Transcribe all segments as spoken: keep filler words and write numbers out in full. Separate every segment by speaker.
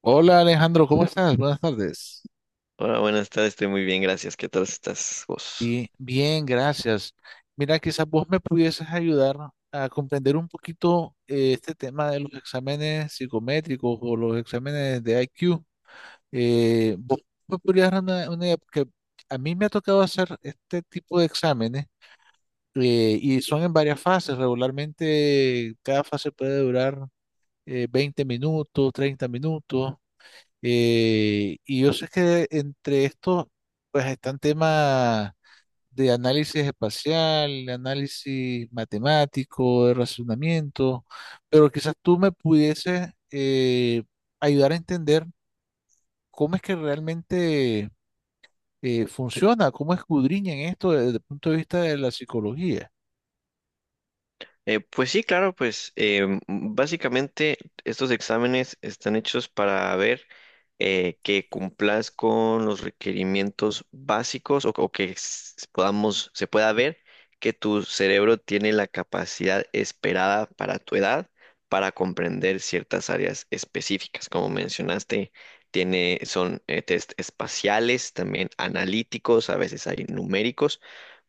Speaker 1: Hola Alejandro, ¿cómo estás? Buenas tardes.
Speaker 2: Hola, buenas tardes, estoy muy bien, gracias. ¿Qué tal estás vos?
Speaker 1: Bien, bien, gracias. Mira, quizás vos me pudieses ayudar a comprender un poquito eh, este tema de los exámenes psicométricos o los exámenes de I Q. Eh, vos me podrías dar una, una idea, porque a mí me ha tocado hacer este tipo de exámenes eh, y son en varias fases. Regularmente cada fase puede durar eh, veinte minutos, treinta minutos. Eh, y yo sé que entre estos, pues están temas de análisis espacial, de análisis matemático, de razonamiento, pero quizás tú me pudieses eh, ayudar a entender cómo es que realmente eh, funciona, cómo escudriñan esto desde el punto de vista de la psicología.
Speaker 2: Eh, pues sí, claro, pues em, básicamente estos exámenes están hechos para ver eh, que cumplas con los requerimientos básicos o, o que s- podamos, se pueda ver que tu cerebro tiene la capacidad esperada para tu edad para comprender ciertas áreas específicas. Como mencionaste, tiene, son eh, test espaciales, también analíticos, a veces hay numéricos.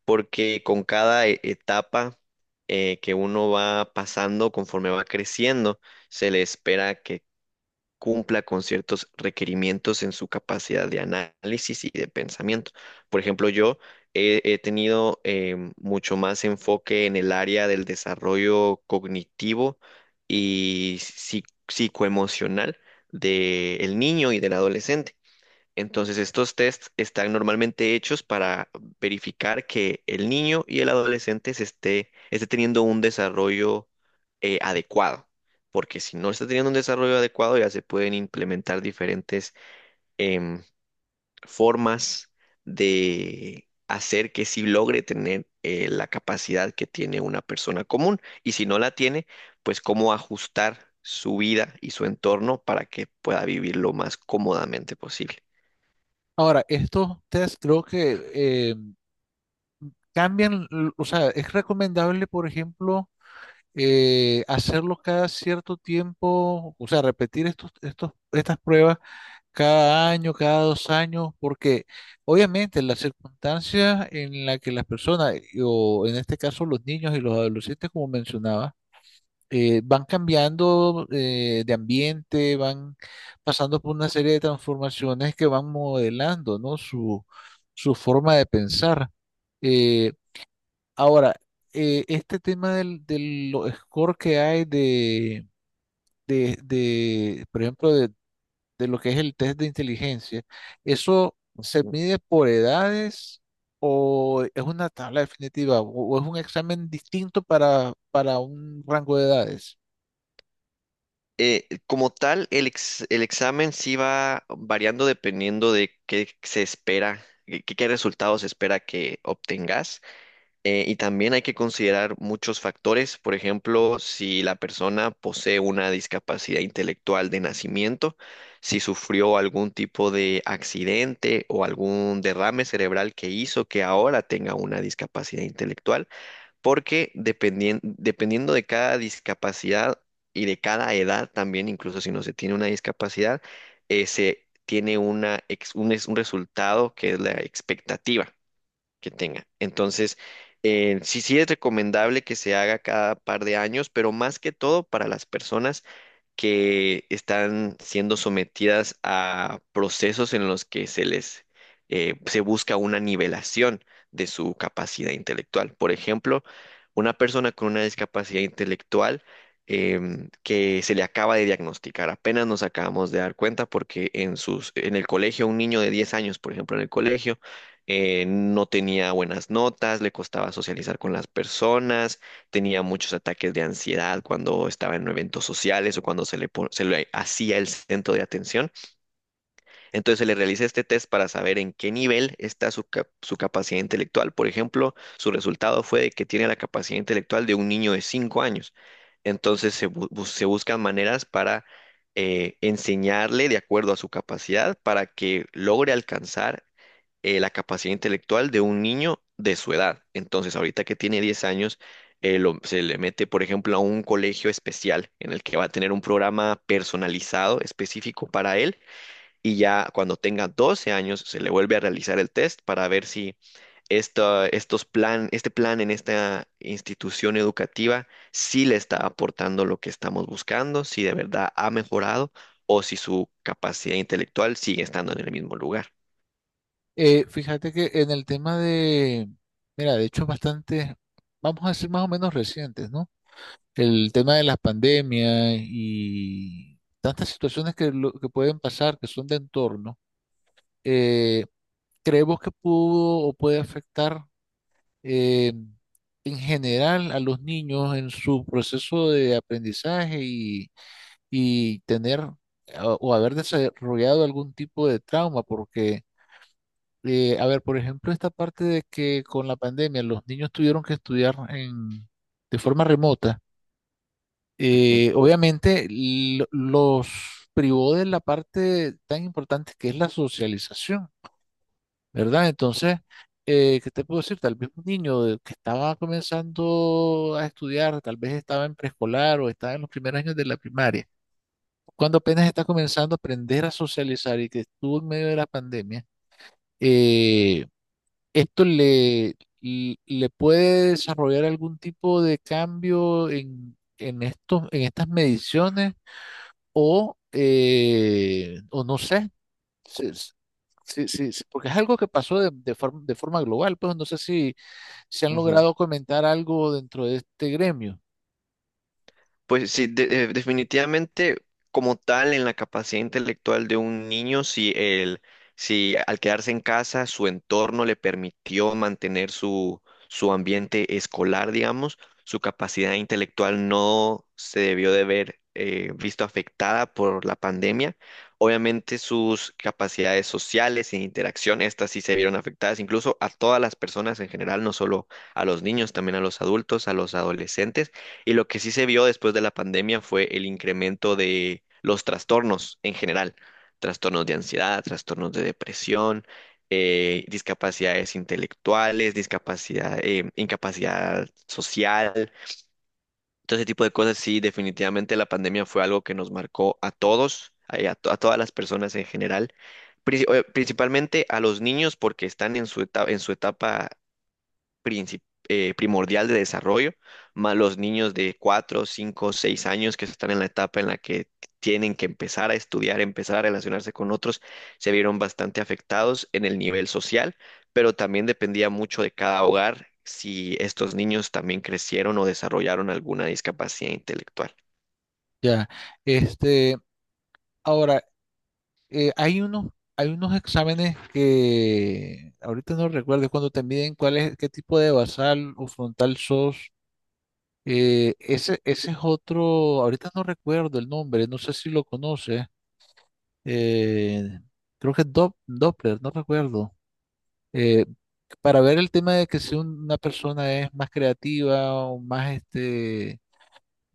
Speaker 2: Porque con cada e- etapa eh, que uno va pasando, conforme va creciendo, se le espera que cumpla con ciertos requerimientos en su capacidad de análisis y de pensamiento. Por ejemplo, yo he, he tenido em, mucho más enfoque en el área del desarrollo cognitivo y psi- psicoemocional del niño y del adolescente. Entonces, estos tests están normalmente hechos para verificar que el niño y el adolescente se esté, esté teniendo un desarrollo eh, adecuado, porque si no está teniendo un desarrollo adecuado, ya se pueden implementar diferentes em, formas de hacer que sí logre tener eh, la capacidad que tiene una persona común, y si no la tiene, pues cómo ajustar su vida y su entorno para que pueda vivir lo más cómodamente posible.
Speaker 1: Ahora, estos test creo que eh, cambian, l- o sea, es recomendable, por ejemplo, eh, hacerlo cada cierto tiempo, o sea, repetir estos, estos, estas pruebas cada año, cada dos años, porque obviamente las circunstancias en las que las personas, y- o en este caso los niños y los adolescentes, como mencionaba, eh, van cambiando eh, de ambiente, van pasando por una serie de transformaciones que van modelando, ¿no? Su, su forma de pensar. Eh, Ahora, eh, este tema del, del lo- score que hay de, de, de, por ejemplo, de, de lo que es el test de inteligencia, ¿eso se
Speaker 2: Ujú.
Speaker 1: mide por edades o es una tabla definitiva o, o es un examen distinto para, para un rango de edades?
Speaker 2: Eh, como tal, el, ex- el examen sí va variando dependiendo de qué se espera, qué, qué resultados se espera que obtengas. Eh, y también hay que considerar muchos factores, por ejemplo, si la persona posee una discapacidad intelectual de nacimiento, si sufrió algún tipo de accidente o algún derrame cerebral que hizo que ahora tenga una discapacidad intelectual, porque dependien- dependiendo de cada discapacidad y de cada edad también, incluso si no se tiene una discapacidad, eh, se tiene una, ex- un, es- un resultado que es la expectativa que tenga. Entonces, eh, sí, sí es recomendable que se haga cada par de años, pero más que todo para las personas que están siendo sometidas a procesos en los que se les eh, se busca una nivelación de su capacidad intelectual. Por ejemplo, una persona con una discapacidad intelectual em, que se le acaba de diagnosticar, apenas nos acabamos de dar cuenta porque en sus, en el colegio, un niño de diez años, por ejemplo, en el colegio, eh, no tenía buenas notas, le costaba socializar con las personas, tenía muchos ataques de ansiedad cuando estaba en eventos sociales o cuando se le, po- se le hacía el centro de atención. Entonces se le realiza este test para saber en qué nivel está su, cap- su capacidad intelectual. Por ejemplo, su resultado fue de que tiene la capacidad intelectual de un niño de cinco años. Entonces se, bu- bu- se buscan maneras para eh, enseñarle de acuerdo a su capacidad para que logre alcanzar eh, la capacidad intelectual de un niño de su edad. Entonces, ahorita que tiene diez años, eh, lo- se le mete, por ejemplo, a un colegio especial en el que va a tener un programa personalizado específico para él, y ya cuando tenga doce años se le vuelve a realizar el test para ver si esta- estos plan, este plan en esta institución educativa sí le está aportando lo que estamos buscando, si de verdad ha mejorado o si su capacidad intelectual sigue estando en el mismo lugar.
Speaker 1: Eh, fíjate que en el tema de, mira, de hecho bastante, vamos a decir más o menos recientes, ¿no? El tema de las pandemias y tantas situaciones que, lo- que pueden pasar, que son de entorno, eh, creemos que pudo o puede afectar eh, en general a los niños en su proceso de aprendizaje y, y tener a- o haber desarrollado algún tipo de trauma, porque, eh, a ver, por ejemplo, esta parte de que con la pandemia los niños tuvieron que estudiar en, de forma remota.
Speaker 2: Ujú,
Speaker 1: Eh, obviamente lo- los privó de la parte tan importante que es la socialización, ¿verdad? Entonces, eh, ¿qué te puedo decir? Tal vez un niño de- que estaba comenzando a estudiar, tal vez estaba en preescolar o estaba en los primeros años de la primaria, cuando apenas está comenzando a aprender a socializar y que estuvo en medio de la pandemia, eh, esto le, le le puede desarrollar algún tipo de cambio en, en estos, en estas mediciones o, eh, o no sé, si- si- si- si- porque es algo que pasó de, de forma, de forma global, pues no sé si se han
Speaker 2: ujú.
Speaker 1: logrado comentar algo dentro de este gremio.
Speaker 2: Pues sí, de- eh, definitivamente, como tal en la capacidad intelectual de un niño, si el, si al quedarse en casa su entorno le permitió mantener su, su ambiente escolar, digamos, su capacidad intelectual no se debió de ver eh, visto afectada por la pandemia. Obviamente sus capacidades sociales e interacción, estas sí se vieron afectadas, incluso a todas las personas en general, no solo a los niños, también a los adultos, a los adolescentes. Y lo que sí se vio después de la pandemia fue el incremento de los trastornos en general, trastornos de ansiedad, trastornos de depresión, eh, discapacidades intelectuales, discapacidad, eh, incapacidad social, todo ese tipo de cosas. Sí, definitivamente la pandemia fue algo que nos marcó a todos, a, a to- a todas las personas en general. princi- eh, Principalmente a los niños porque están en su etapa, en su etapa princip- eh, primordial de desarrollo, más los niños de cuatro, cinco, seis años que están en la etapa en la que tienen que empezar a estudiar, empezar a relacionarse con otros, se vieron bastante afectados en el nivel social, pero también dependía mucho de cada hogar si estos niños también crecieron o desarrollaron alguna discapacidad intelectual.
Speaker 1: Ya, este, ahora, eh, hay unos, hay unos exámenes que ahorita no recuerdo cuando te miden cuál es, qué tipo de basal o frontal sos. Eh, ese, ese es otro, ahorita no recuerdo el nombre, no sé si lo conoces. eh, Creo que es Dop- Doppler, no recuerdo. eh, para ver el tema de que si un- una persona es más creativa o más, este,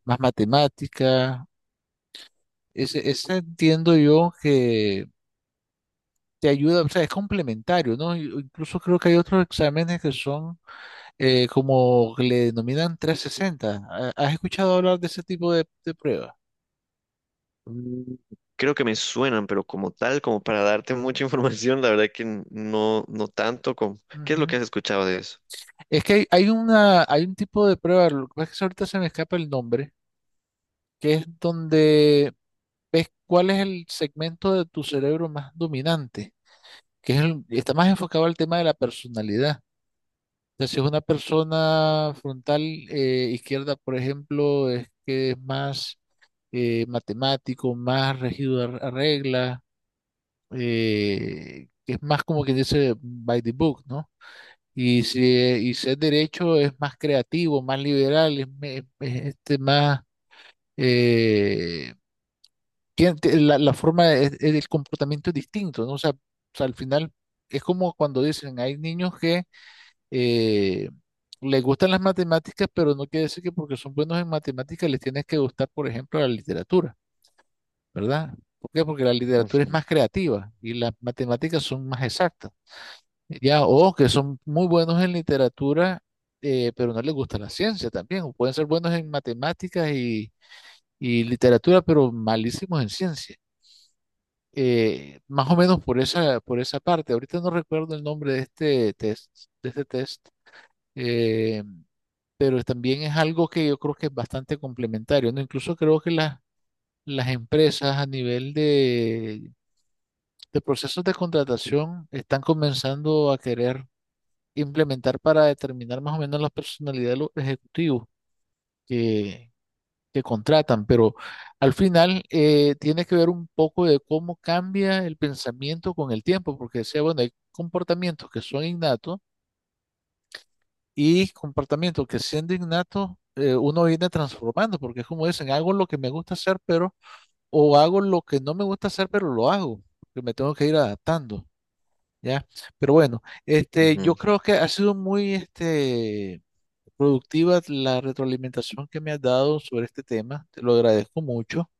Speaker 1: más matemática, ese, ese entiendo yo que te ayuda, o sea, es complementario, ¿no? Y- o incluso creo que hay otros exámenes que son eh, como que le denominan trescientos sesenta. ¿Ha- ¿Has escuchado hablar de ese tipo de, de pruebas?
Speaker 2: Mm, creo que me suenan, pero como tal, como para darte mucha información, la verdad que no, no tanto. como- ¿Qué es lo
Speaker 1: Ujú.
Speaker 2: que has escuchado de eso?
Speaker 1: Es que hay, hay una, hay un tipo de prueba, lo que pasa es que ahorita se me escapa el nombre, que es donde ves cuál es el segmento de tu cerebro más dominante, que es el- está más enfocado al tema de la personalidad. O sea, si es una persona frontal eh, izquierda, por ejemplo, es que es más eh, matemático, más regido a, a reglas, eh, que es más como que dice by the book, ¿no? Y si, eh, y si es derecho, es más creativo, más liberal, es, me- es este más... eh, tien- te- la, la forma, es- es- el comportamiento es distinto, ¿no? O sea, o sea, al final es como cuando dicen, hay niños que eh, les gustan las matemáticas, pero no quiere decir que porque son buenos en matemáticas les tienes que gustar, por ejemplo, la literatura, ¿verdad? ¿Por qué? Porque la literatura
Speaker 2: Ujú,
Speaker 1: es más creativa y las matemáticas son más exactas. Ya, o que son muy buenos en literatura, eh, pero no les gusta la ciencia también. O pueden ser buenos en matemáticas y, y literatura, pero malísimos en ciencia. Eh, más o menos por esa, por esa parte. Ahorita no recuerdo el nombre de este test, de este test. eh, pero también es algo que yo creo que es bastante complementario, ¿no? Incluso creo que las, las empresas a nivel de, de procesos de contratación están comenzando a querer implementar para determinar más o menos la personalidad de los ejecutivos que, que contratan, pero al final eh, tiene que ver un poco de cómo cambia el pensamiento con el tiempo, porque decía, bueno, hay comportamientos que son innatos y comportamiento que siendo innato eh, uno viene transformando, porque es como dicen, hago lo que me gusta hacer, pero, o hago lo que no me gusta hacer, pero lo hago, porque me tengo que ir adaptando, ¿ya? Pero bueno, este, yo
Speaker 2: ujú.
Speaker 1: creo que ha sido muy, este, productiva la retroalimentación que me has dado sobre este tema, te lo agradezco mucho.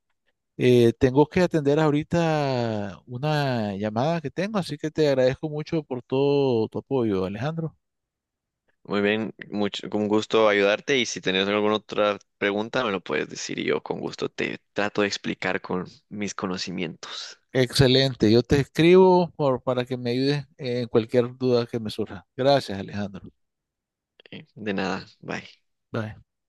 Speaker 1: Eh, tengo que atender ahorita una llamada que tengo, así que te agradezco mucho por todo tu apoyo, Alejandro.
Speaker 2: Muy bien, mucho, con gusto ayudarte, y si tenés alguna otra pregunta me lo puedes decir y yo con gusto te trato de explicar con mis conocimientos.
Speaker 1: Excelente. Yo te escribo por- para que me ayudes en cualquier duda que me surja. Gracias, Alejandro.
Speaker 2: Eh, De nada, bye.
Speaker 1: Bye.